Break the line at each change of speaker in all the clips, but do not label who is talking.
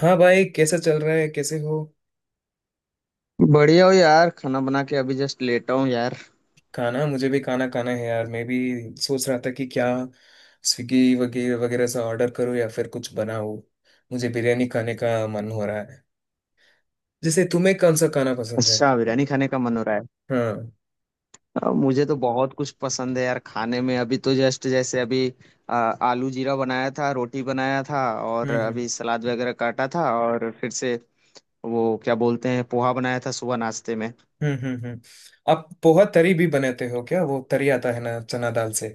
हाँ भाई, कैसा चल रहा है? कैसे हो?
बढ़िया हो यार। खाना बना के अभी जस्ट लेटा हूँ यार।
खाना... मुझे भी खाना खाना है यार। मैं भी सोच रहा था कि क्या स्विगी वगैरह वगैरह से ऑर्डर करूँ या फिर कुछ बनाऊँ। मुझे बिरयानी खाने का मन हो रहा है। जैसे तुम्हें कौन सा खाना पसंद है?
अच्छा, बिरयानी खाने का मन हो रहा है।
हाँ।
अब मुझे तो बहुत कुछ पसंद है यार खाने में। अभी तो जस्ट, जैसे अभी आलू जीरा बनाया था, रोटी बनाया था, और
हम्म हम्म
अभी सलाद वगैरह काटा था। और फिर से, वो क्या बोलते हैं, पोहा बनाया था सुबह नाश्ते में।
हम्म हम्म हम्म। आप पोहा तरी भी बनाते हो क्या? वो तरी आता है ना, चना दाल से।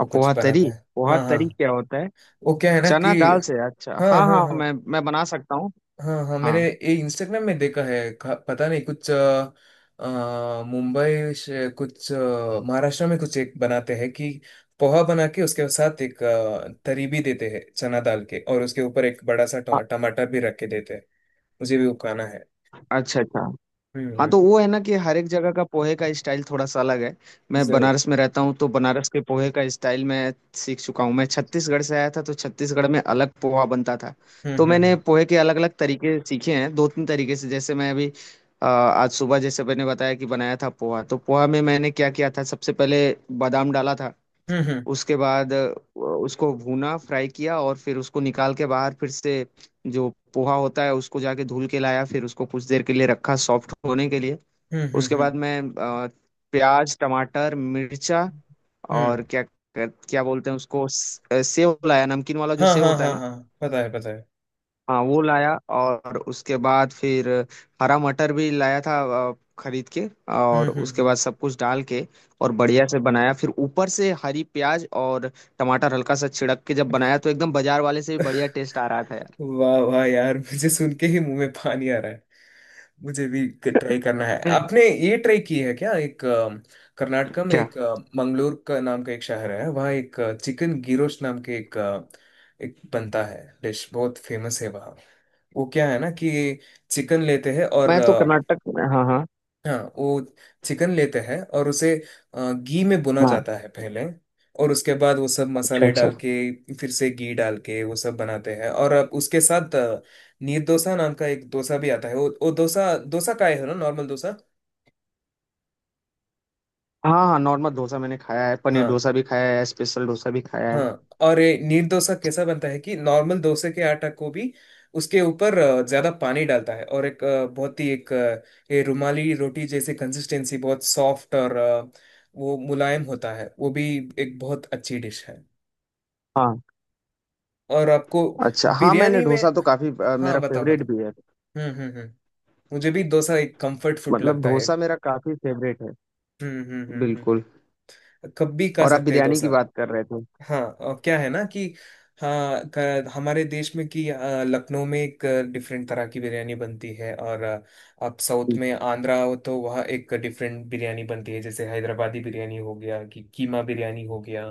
वो
अब
कुछ
पोहा तरी,
बनाता है।
पोहा
हाँ
तरी
हाँ।
क्या होता है?
वो क्या है ना कि...
चना दाल से, अच्छा
हाँ
हाँ
हाँ
हाँ,
हाँ,
मैं बना सकता हूँ।
हाँ हाँ,
हाँ।
मैंने ये इंस्टाग्राम में देखा है पता नहीं कुछ मुंबई से कुछ महाराष्ट्र में कुछ एक बनाते हैं कि पोहा बना के उसके साथ एक तरी भी देते हैं चना दाल के, और उसके ऊपर एक बड़ा सा
अ-
टमाटर भी रख के देते हैं। मुझे भी वो खाना है।
अच्छा अच्छा। हाँ
हम्म।
तो वो है ना कि हर एक जगह का पोहे का स्टाइल थोड़ा सा अलग है। मैं
जरूर।
बनारस में रहता हूँ तो बनारस के पोहे का स्टाइल मैं सीख चुका हूँ। मैं छत्तीसगढ़ से आया था तो छत्तीसगढ़ में अलग पोहा बनता था।
हम्म
तो मैंने
हम्म
पोहे के अलग अलग तरीके सीखे हैं, दो तीन तरीके से। जैसे मैं अभी आज सुबह जैसे मैंने बताया कि बनाया था पोहा, तो पोहा में मैंने क्या किया था? सबसे पहले बादाम डाला था।
हम्म हम्म
उसके बाद उसको भूना, फ्राई किया, और फिर उसको निकाल के बाहर। फिर से जो पोहा होता है उसको जाके धुल के लाया, फिर उसको कुछ देर के लिए रखा सॉफ्ट होने के लिए।
हम्म हम्म
उसके
हम्म
बाद मैं अ, प्याज, टमाटर, मिर्चा, और
हम्म।
क्या, क्या बोलते हैं उसको, सेव लाया, नमकीन वाला जो
हाँ
सेव
हाँ
होता है
हाँ
ना।
हाँ, पता है, पता है।
हाँ वो लाया। और उसके बाद फिर हरा मटर भी लाया था, खरीद के।
हम्म
और उसके
हम्म
बाद सब कुछ डाल के और बढ़िया से बनाया। फिर ऊपर से हरी प्याज और टमाटर हल्का सा छिड़क के जब बनाया तो एकदम बाजार वाले से भी बढ़िया टेस्ट आ रहा था यार।
हम्म। वाह वाह यार! मुझे सुन के ही मुंह में पानी आ रहा है। मुझे भी ट्राई करना है। आपने ये ट्राई की है क्या? एक कर्नाटका में
क्या?
एक मंगलोर का नाम का एक शहर है, वहाँ एक चिकन गिरोश नाम के एक एक बनता है डिश, बहुत फेमस है वहाँ। वो क्या है ना कि चिकन लेते हैं और...
मैं तो हाँ हाँ।
हाँ, वो चिकन लेते हैं और उसे घी में भुना
हाँ।
जाता है पहले। और उसके बाद वो सब
अच्छा
मसाले
अच्छा।
डाल के, फिर से घी डाल के वो सब बनाते हैं, और अब उसके साथ नीर डोसा नाम का एक डोसा भी आता है। वो डोसा डोसा का है ना, नॉर्मल डोसा।
हाँ हाँ, नॉर्मल डोसा मैंने खाया है, पनीर
हाँ
डोसा भी खाया है, स्पेशल डोसा भी खाया है।
हाँ, और ये नीर डोसा कैसा बनता है कि नॉर्मल डोसे के आटा को भी उसके ऊपर ज्यादा पानी डालता है, और एक बहुत ही एक ये रुमाली रोटी जैसी कंसिस्टेंसी, बहुत सॉफ्ट और वो मुलायम होता है। वो भी एक बहुत अच्छी डिश है।
हाँ।
और आपको...
अच्छा हाँ, मैंने
बिरयानी में...
डोसा तो काफी
हाँ,
मेरा
बताओ
फेवरेट
बताओ।
भी है।
हम्म। मुझे भी डोसा एक कंफर्ट फूड
मतलब
लगता है।
डोसा मेरा काफी फेवरेट है।
हम्म।
बिल्कुल।
कब भी खा
और आप
सकते हैं
बिरयानी की
डोसा।
बात कर रहे थे।
हाँ, और क्या है ना कि... हाँ, हमारे देश में कि लखनऊ में एक डिफरेंट तरह की बिरयानी बनती है, और आप साउथ में आंध्रा हो तो वहाँ एक डिफरेंट बिरयानी बनती है, जैसे हैदराबादी बिरयानी हो गया कि कीमा बिरयानी हो गया।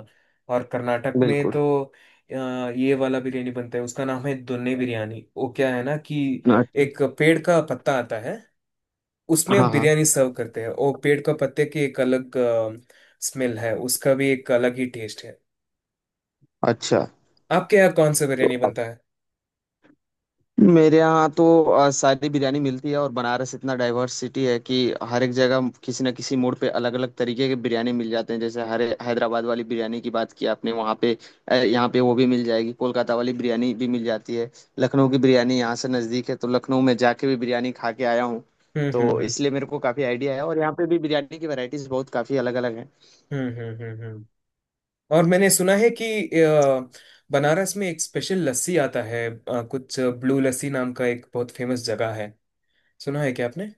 और कर्नाटक में
बिल्कुल।
तो अ, ये वाला बिरयानी बनता है, उसका नाम है दुन्ने बिरयानी। वो क्या है ना कि
अच्छा।
एक पेड़ का पत्ता आता है, उसमें
हाँ हाँ।
बिरयानी सर्व करते हैं। वो पेड़ का पत्ते की एक अलग स्मेल है, उसका भी एक अलग ही टेस्ट है।
अच्छा।
आपके यहाँ कौन सा
तो
बिरयानी बनता है?
मेरे यहाँ तो सारी बिरयानी मिलती है, और बनारस इतना डाइवर्सिटी है कि हर एक जगह किसी न किसी मोड़ पे अलग अलग तरीके के बिरयानी मिल जाते हैं। जैसे हरे, हैदराबाद वाली बिरयानी की बात की आपने, वहाँ पे यहाँ पे वो भी मिल जाएगी। कोलकाता वाली बिरयानी भी मिल जाती है। लखनऊ की बिरयानी यहाँ से नज़दीक है, तो लखनऊ में जाके भी बिरयानी खा के आया हूँ।
हम्म हम्म
तो
हम्म
इसलिए मेरे को काफ़ी आइडिया है, और यहाँ पे भी बिरयानी की वैरायटीज बहुत काफ़ी अलग अलग हैं।
हम्म हम्म हम्म हम्म। और मैंने सुना है कि अ, बनारस में एक स्पेशल लस्सी आता है, कुछ ब्लू लस्सी नाम का एक बहुत फेमस जगह है। सुना है क्या आपने?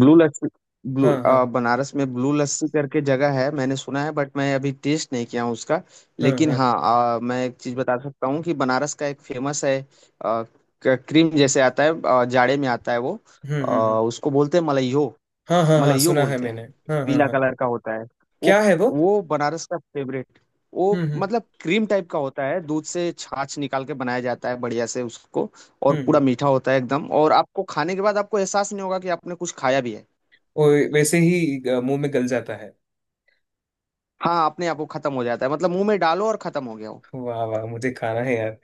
ब्लू लस्सी?
हाँ हाँ
बनारस में ब्लू लस्सी करके जगह है, मैंने सुना है, बट मैं अभी टेस्ट नहीं किया हूँ उसका।
हाँ
लेकिन
हाँ।
हाँ, मैं एक चीज़ बता सकता हूँ कि बनारस का एक फेमस है। क्रीम जैसे आता है, जाड़े में आता है वो।
हम्म।
उसको बोलते हैं मलइयो।
हाँ हाँ हाँ,
मलइयो
सुना है
बोलते
मैंने।
हैं।
हाँ हाँ
पीला
हाँ।
कलर का होता है। वो
क्या है वो?
वो बनारस का फेवरेट। वो,
हम्म हम्म
मतलब क्रीम टाइप का होता है। दूध से छाछ निकाल के बनाया जाता है बढ़िया से उसको। और पूरा
हम्म।
मीठा होता है एकदम, और आपको खाने के बाद आपको एहसास नहीं होगा कि आपने कुछ खाया भी है।
वो वैसे ही मुंह में गल जाता है।
हाँ, अपने आप वो खत्म हो जाता है, मतलब मुंह में डालो और खत्म हो गया वो।
वाह वाह! मुझे खाना है यार।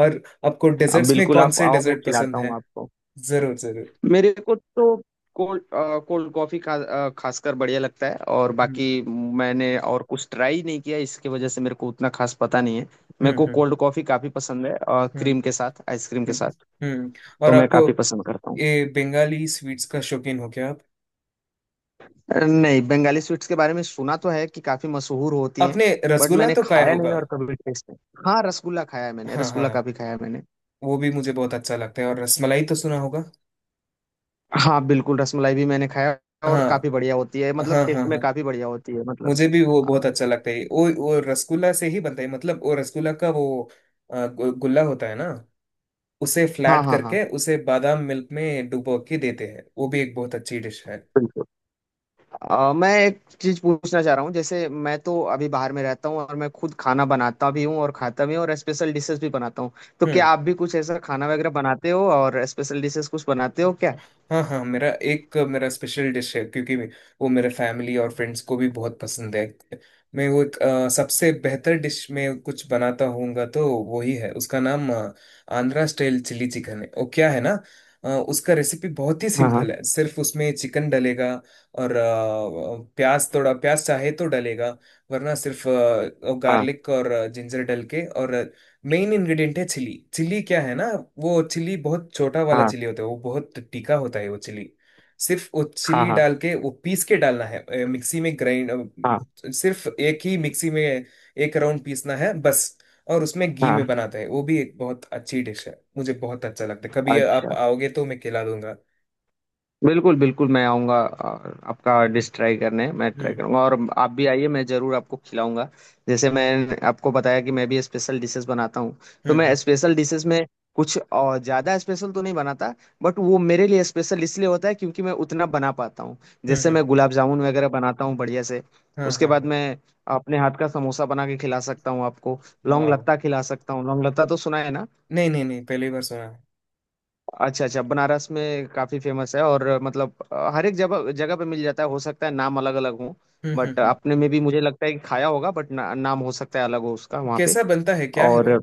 और आपको
अब
डेजर्ट्स में
बिल्कुल,
कौन
आप
से
आओ, मैं
डेजर्ट
खिलाता
पसंद है?
हूँ आपको।
जरूर जरूर।
मेरे को तो कोल्ड, कोल्ड कॉफी खासकर बढ़िया लगता है, और
हम्म
बाकी मैंने और कुछ ट्राई नहीं किया, इसकी वजह से मेरे को उतना खास पता नहीं है। मेरे
हम्म
को
हम्म
कोल्ड कॉफी काफी पसंद है, और
हम्म।
क्रीम के साथ, आइसक्रीम के
हम्म
साथ,
हम्म। और
तो मैं
आपको
काफी पसंद करता हूँ।
ये बंगाली स्वीट्स का शौकीन हो क्या आप?
नहीं, बंगाली स्वीट्स के बारे में सुना तो है कि काफी मशहूर होती हैं,
आपने
बट
रसगुल्ला
मैंने
तो खाया
खाया नहीं
होगा।
और कभी टेस्ट नहीं। हाँ, रसगुल्ला खाया है मैंने,
हाँ हाँ,
रसगुल्ला काफी खाया है मैंने।
वो भी मुझे बहुत अच्छा लगता है। और रसमलाई तो सुना होगा।
हाँ बिल्कुल, रसमलाई भी मैंने खाया। और काफी
हाँ
बढ़िया होती है, मतलब
हाँ
टेस्ट
हाँ
में
हाँ,
काफी बढ़िया होती है, मतलब।
मुझे भी वो बहुत अच्छा लगता है। वो रसगुल्ला से ही बनता है, मतलब वो रसगुल्ला का वो गुल्ला होता है ना, उसे
हाँ
फ्लैट
हाँ हाँ।
करके उसे बादाम मिल्क में डुबो के देते हैं। वो भी एक बहुत अच्छी डिश है।
बिल्कुल। मैं एक चीज पूछना चाह रहा हूँ, जैसे मैं तो अभी बाहर में रहता हूँ और मैं खुद खाना बनाता भी हूँ और खाता भी हूँ, और स्पेशल डिशेस भी बनाता हूँ। तो क्या
हम्म।
आप भी कुछ ऐसा खाना वगैरह बनाते हो, और स्पेशल डिशेस कुछ बनाते हो क्या?
हाँ हाँ, मेरा स्पेशल डिश है, क्योंकि वो मेरे फैमिली और फ्रेंड्स को भी बहुत पसंद है। मैं वो एक, सबसे बेहतर डिश में कुछ बनाता होऊंगा तो वही है, उसका नाम आंध्रा स्टाइल चिली चिकन है। वो क्या है ना, उसका रेसिपी बहुत ही
हाँ
सिंपल है। सिर्फ उसमें चिकन डलेगा और प्याज, थोड़ा प्याज चाहे तो डलेगा, वरना सिर्फ
हाँ
गार्लिक और जिंजर डल के। और मेन इंग्रेडिएंट है चिली। चिली क्या है ना, वो चिली बहुत छोटा वाला
हाँ
चिली होता है, वो बहुत तीखा होता है वो चिली। सिर्फ वो
हाँ हाँ
चिली डाल
हाँ
के, वो पीस के डालना है मिक्सी में ग्राइंड,
हाँ
सिर्फ एक ही मिक्सी में एक राउंड पीसना है बस। और उसमें घी में
हाँ।
बनाते हैं। वो भी एक बहुत अच्छी डिश है, मुझे बहुत अच्छा लगता है। कभी आप
अच्छा।
आओगे तो मैं खिला दूंगा।
बिल्कुल, बिल्कुल, मैं आऊँगा और आपका डिश ट्राई करने, मैं ट्राई
हम्म
करूँगा, और आप भी आइए, मैं ज़रूर आपको खिलाऊँगा। जैसे मैंने आपको बताया कि मैं भी स्पेशल डिशेज़ बनाता हूँ, तो
हम्म
मैं
हम्म
स्पेशल डिशेज़ में कुछ ज़्यादा स्पेशल तो नहीं बनाता, बट वो मेरे लिए स्पेशल इसलिए होता है क्योंकि मैं उतना बना पाता हूँ।
हम्म।
जैसे
हम्म।
मैं गुलाब जामुन वगैरह बनाता हूँ बढ़िया से,
हाँ
उसके
हाँ
बाद
हाँ।
मैं अपने हाथ का समोसा बना के खिला सकता हूँ आपको, लौंग
वाह!
लत्ता खिला सकता हूँ। लौंग लत्ता तो सुना है ना?
नहीं नहीं नहीं, पहली बार सुना है।
अच्छा अच्छा, बनारस में काफी फेमस है, और मतलब हर एक जगह जगह पे मिल जाता है, हो सकता है नाम अलग अलग हो। बट
हम्म।
अपने में भी मुझे लगता है कि खाया होगा, बट ना, नाम हो सकता है अलग हो उसका वहाँ पे।
कैसा बनता है, क्या है
और
वो?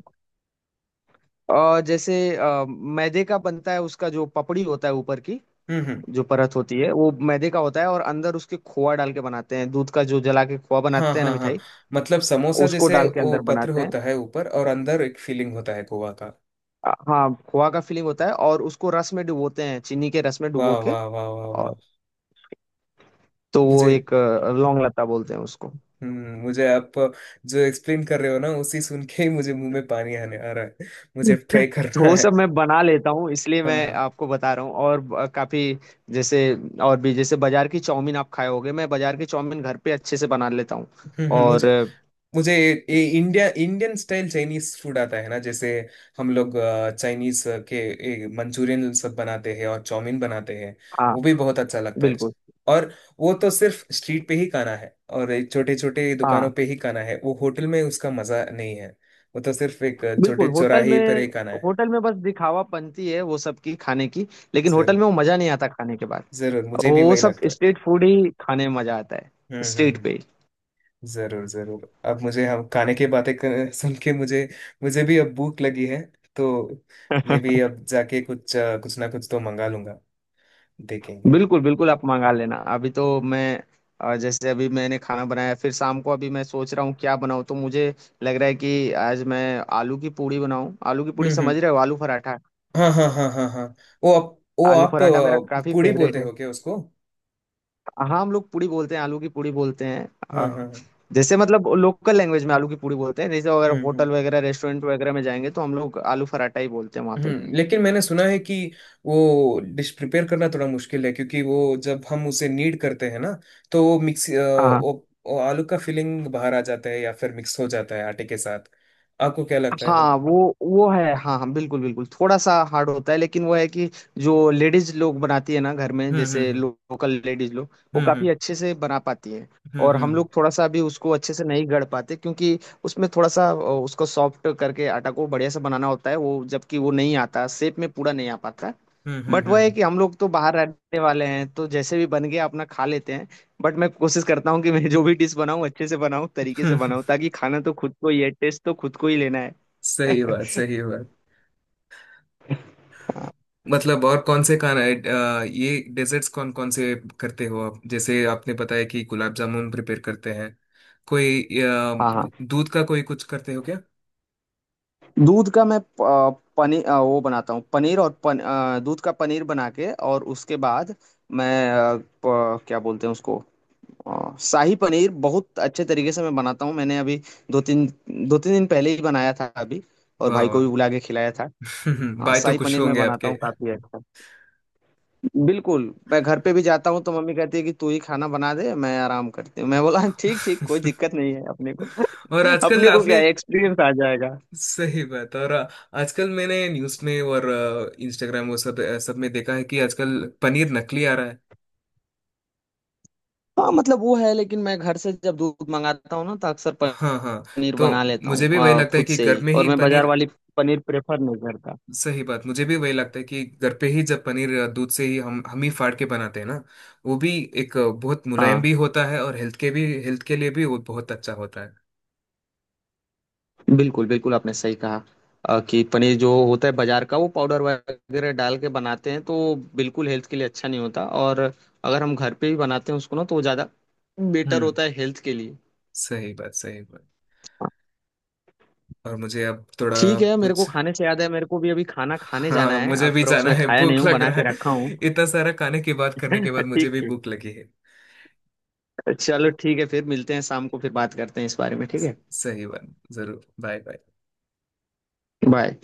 जैसे मैदे का बनता है, उसका जो पपड़ी होता है ऊपर की,
हम्म।
जो परत होती है वो मैदे का होता है, और अंदर उसके खोआ डाल के बनाते हैं, दूध का जो जला के खोआ
हाँ
बनाते हैं ना
हाँ हाँ,
मिठाई,
मतलब समोसा
उसको
जैसे
डाल के
वो
अंदर
पत्र
बनाते हैं।
होता है ऊपर, और अंदर एक फीलिंग होता है गोवा का।
हाँ, खोआ का फीलिंग होता है, और उसको रस में डुबोते हैं, चीनी के रस में डुबो
वाह
के।
वाह वाह वाह वाह!
और तो वो
मुझे
एक, लौंग लता बोलते हैं उसको।
मुझे आप जो एक्सप्लेन कर रहे हो ना, उसी सुन के ही मुझे मुंह में पानी आने आ रहा है। मुझे
अच्छा।
ट्राई
तो
करना
वो
है।
सब मैं बना लेता हूँ, इसलिए
हाँ
मैं
हाँ।
आपको बता रहा हूँ, और काफी, जैसे, और भी जैसे बाजार की चाउमीन आप खाए होगे, मैं बाजार की चाउमीन घर पे अच्छे से बना लेता हूँ।
हम्म।
और
मुझे मुझे ये India Indian style Chinese food आता है ना, जैसे हम लोग चाइनीज के मंचूरियन सब बनाते हैं और चाउमीन बनाते हैं,
हाँ
वो भी बहुत अच्छा लगता है।
बिल्कुल।
और वो तो सिर्फ स्ट्रीट पे ही खाना है, और छोटे छोटे दुकानों
हाँ
पे ही खाना है, वो होटल में उसका मजा नहीं है। वो तो सिर्फ एक छोटे
बिल्कुल। होटल
चौराहे पर
में,
ही खाना है।
होटल में बस दिखावापंती है वो सब की खाने की, लेकिन होटल
जरूर
में वो मजा नहीं आता खाने के बाद।
जरूर, मुझे भी
वो
वही
सब
लगता है।
स्ट्रीट फूड ही खाने में मजा आता है।
हम्म हम्म
स्ट्रीट
हम्म।
पे ही।
जरूर जरूर। अब मुझे हम खाने की बातें सुन के मुझे, मुझे भी अब भूख लगी है। तो मैं भी अब जाके कुछ कुछ ना कुछ तो मंगा लूंगा। देखेंगे यार।
बिल्कुल बिल्कुल, आप मंगा लेना। अभी तो मैं, जैसे अभी मैंने खाना बनाया, फिर शाम को अभी मैं सोच रहा हूँ क्या बनाऊँ, तो मुझे लग रहा है कि आज मैं आलू की पूड़ी बनाऊँ। आलू की पूड़ी, समझ
हम्म।
रहे हो? आलू पराठा।
हाँ हाँ हाँ हाँ हाँ। वो आप वो
आलू
आप
पराठा मेरा काफी
पूड़ी बोलते
फेवरेट है।
हो क्या उसको?
हाँ, हम लोग पूड़ी बोलते हैं, आलू की पूड़ी बोलते हैं।
हाँ हाँ हाँ।
जैसे मतलब लोकल लैंग्वेज में आलू की पूड़ी बोलते हैं। जैसे अगर
हम्म हम्म
होटल वगैरह, रेस्टोरेंट वगैरह में जाएंगे, तो हम लोग आलू पराठा ही बोलते हैं वहाँ पे।
हम्म। लेकिन मैंने सुना है कि वो डिश प्रिपेयर करना थोड़ा मुश्किल है, क्योंकि वो जब हम उसे नीड करते हैं ना, तो वो मिक्स
हाँ हाँ
वो आलू का फिलिंग बाहर आ जाता है, या फिर मिक्स हो जाता है आटे के साथ। आपको क्या लगता है?
हाँ। वो है, हाँ हाँ बिल्कुल बिल्कुल, थोड़ा सा हार्ड होता है, लेकिन वो है कि जो लेडीज लोग बनाती है ना घर में,
हम्म
जैसे
हम्म
लोकल लेडीज लोग, वो
हम्म
काफी अच्छे से बना पाती है।
हम्म
और हम
हम्म
लोग थोड़ा सा अभी उसको अच्छे से नहीं गढ़ पाते, क्योंकि उसमें थोड़ा सा उसको सॉफ्ट करके आटा को बढ़िया से बनाना होता है। वो, जबकि वो नहीं आता शेप में, पूरा नहीं आ पाता।
हम्म हम्म
बट वह है
हम्म,
कि हम लोग तो बाहर रहने वाले हैं, तो जैसे भी बन गया अपना खा लेते हैं। बट मैं कोशिश करता हूँ कि मैं जो भी डिश बनाऊँ अच्छे से बनाऊँ, तरीके से
हम्म।
बनाऊँ, ताकि खाना तो खुद को ही है, टेस्ट तो खुद को ही लेना है।
सही बात, सही बात। मतलब और कौन से खाना है, ये डेजर्ट्स कौन कौन से करते हो आप, जैसे आपने बताया कि गुलाब जामुन प्रिपेयर करते हैं, कोई
हाँ हाँ।
दूध का कोई कुछ करते हो क्या?
दूध का मैं पनीर वो बनाता हूँ, पनीर। और दूध का पनीर बना के, और उसके बाद मैं क्या बोलते हैं उसको, शाही पनीर बहुत अच्छे तरीके से मैं बनाता हूँ। मैंने अभी दो तीन दो तीन दिन पहले ही बनाया था अभी, और
वाह
भाई को
वाह!
भी बुला के खिलाया था। हाँ,
भाई तो
शाही
खुश
पनीर मैं
होंगे
बनाता
आपके।
हूँ काफी अच्छा। बिल्कुल। मैं घर पे भी जाता हूँ तो मम्मी कहती है कि तू ही खाना बना दे, मैं आराम करती हूँ। मैं बोला ठीक ठीक, कोई दिक्कत नहीं है अपने को।
और आजकल
अपने को क्या
आपने...
है, एक्सपीरियंस आ जाएगा।
सही बात। और आजकल मैंने न्यूज़ में और इंस्टाग्राम वो सब सब में देखा है कि आजकल पनीर नकली आ रहा है।
हाँ मतलब वो है, लेकिन मैं घर से जब दूध मंगाता हूँ ना तो अक्सर
हाँ हाँ।
पनीर
तो
बना लेता हूँ
मुझे भी वही लगता है
खुद
कि
से
घर
ही,
में
और
ही
मैं बाजार
पनीर...
वाली पनीर प्रेफर नहीं करता।
सही बात। मुझे भी वही लगता है कि घर पे ही जब पनीर दूध से ही हम ही फाड़ के बनाते हैं ना, वो भी एक बहुत मुलायम
हाँ
भी होता है, और हेल्थ के लिए भी वो बहुत अच्छा होता है।
बिल्कुल बिल्कुल, आपने सही कहा, कि पनीर जो होता है बाजार का वो पाउडर वगैरह डाल के बनाते हैं, तो वो बिल्कुल हेल्थ के लिए अच्छा नहीं होता। और अगर हम घर पे ही बनाते हैं उसको ना, तो वो ज़्यादा बेटर
हम्म।
होता है हेल्थ के लिए।
सही बात, सही बात।
हाँ,
और मुझे अब थोड़ा
ठीक है। मेरे को
कुछ...
खाने से याद है, मेरे को भी अभी खाना खाने जाना
हाँ,
है।
मुझे भी
अप्रोक्स
जाना
मैं
है,
खाया नहीं
भूख
हूँ,
लग
बना
रहा
के रखा हूँ।
है। इतना सारा खाने की बात करने के बाद मुझे
ठीक
भी
ठीक।
भूख लगी है।
चलो ठीक है, फिर मिलते हैं शाम को, फिर बात करते हैं इस बारे में, ठीक है?
सही बात। जरूर। Bye bye.
बाय।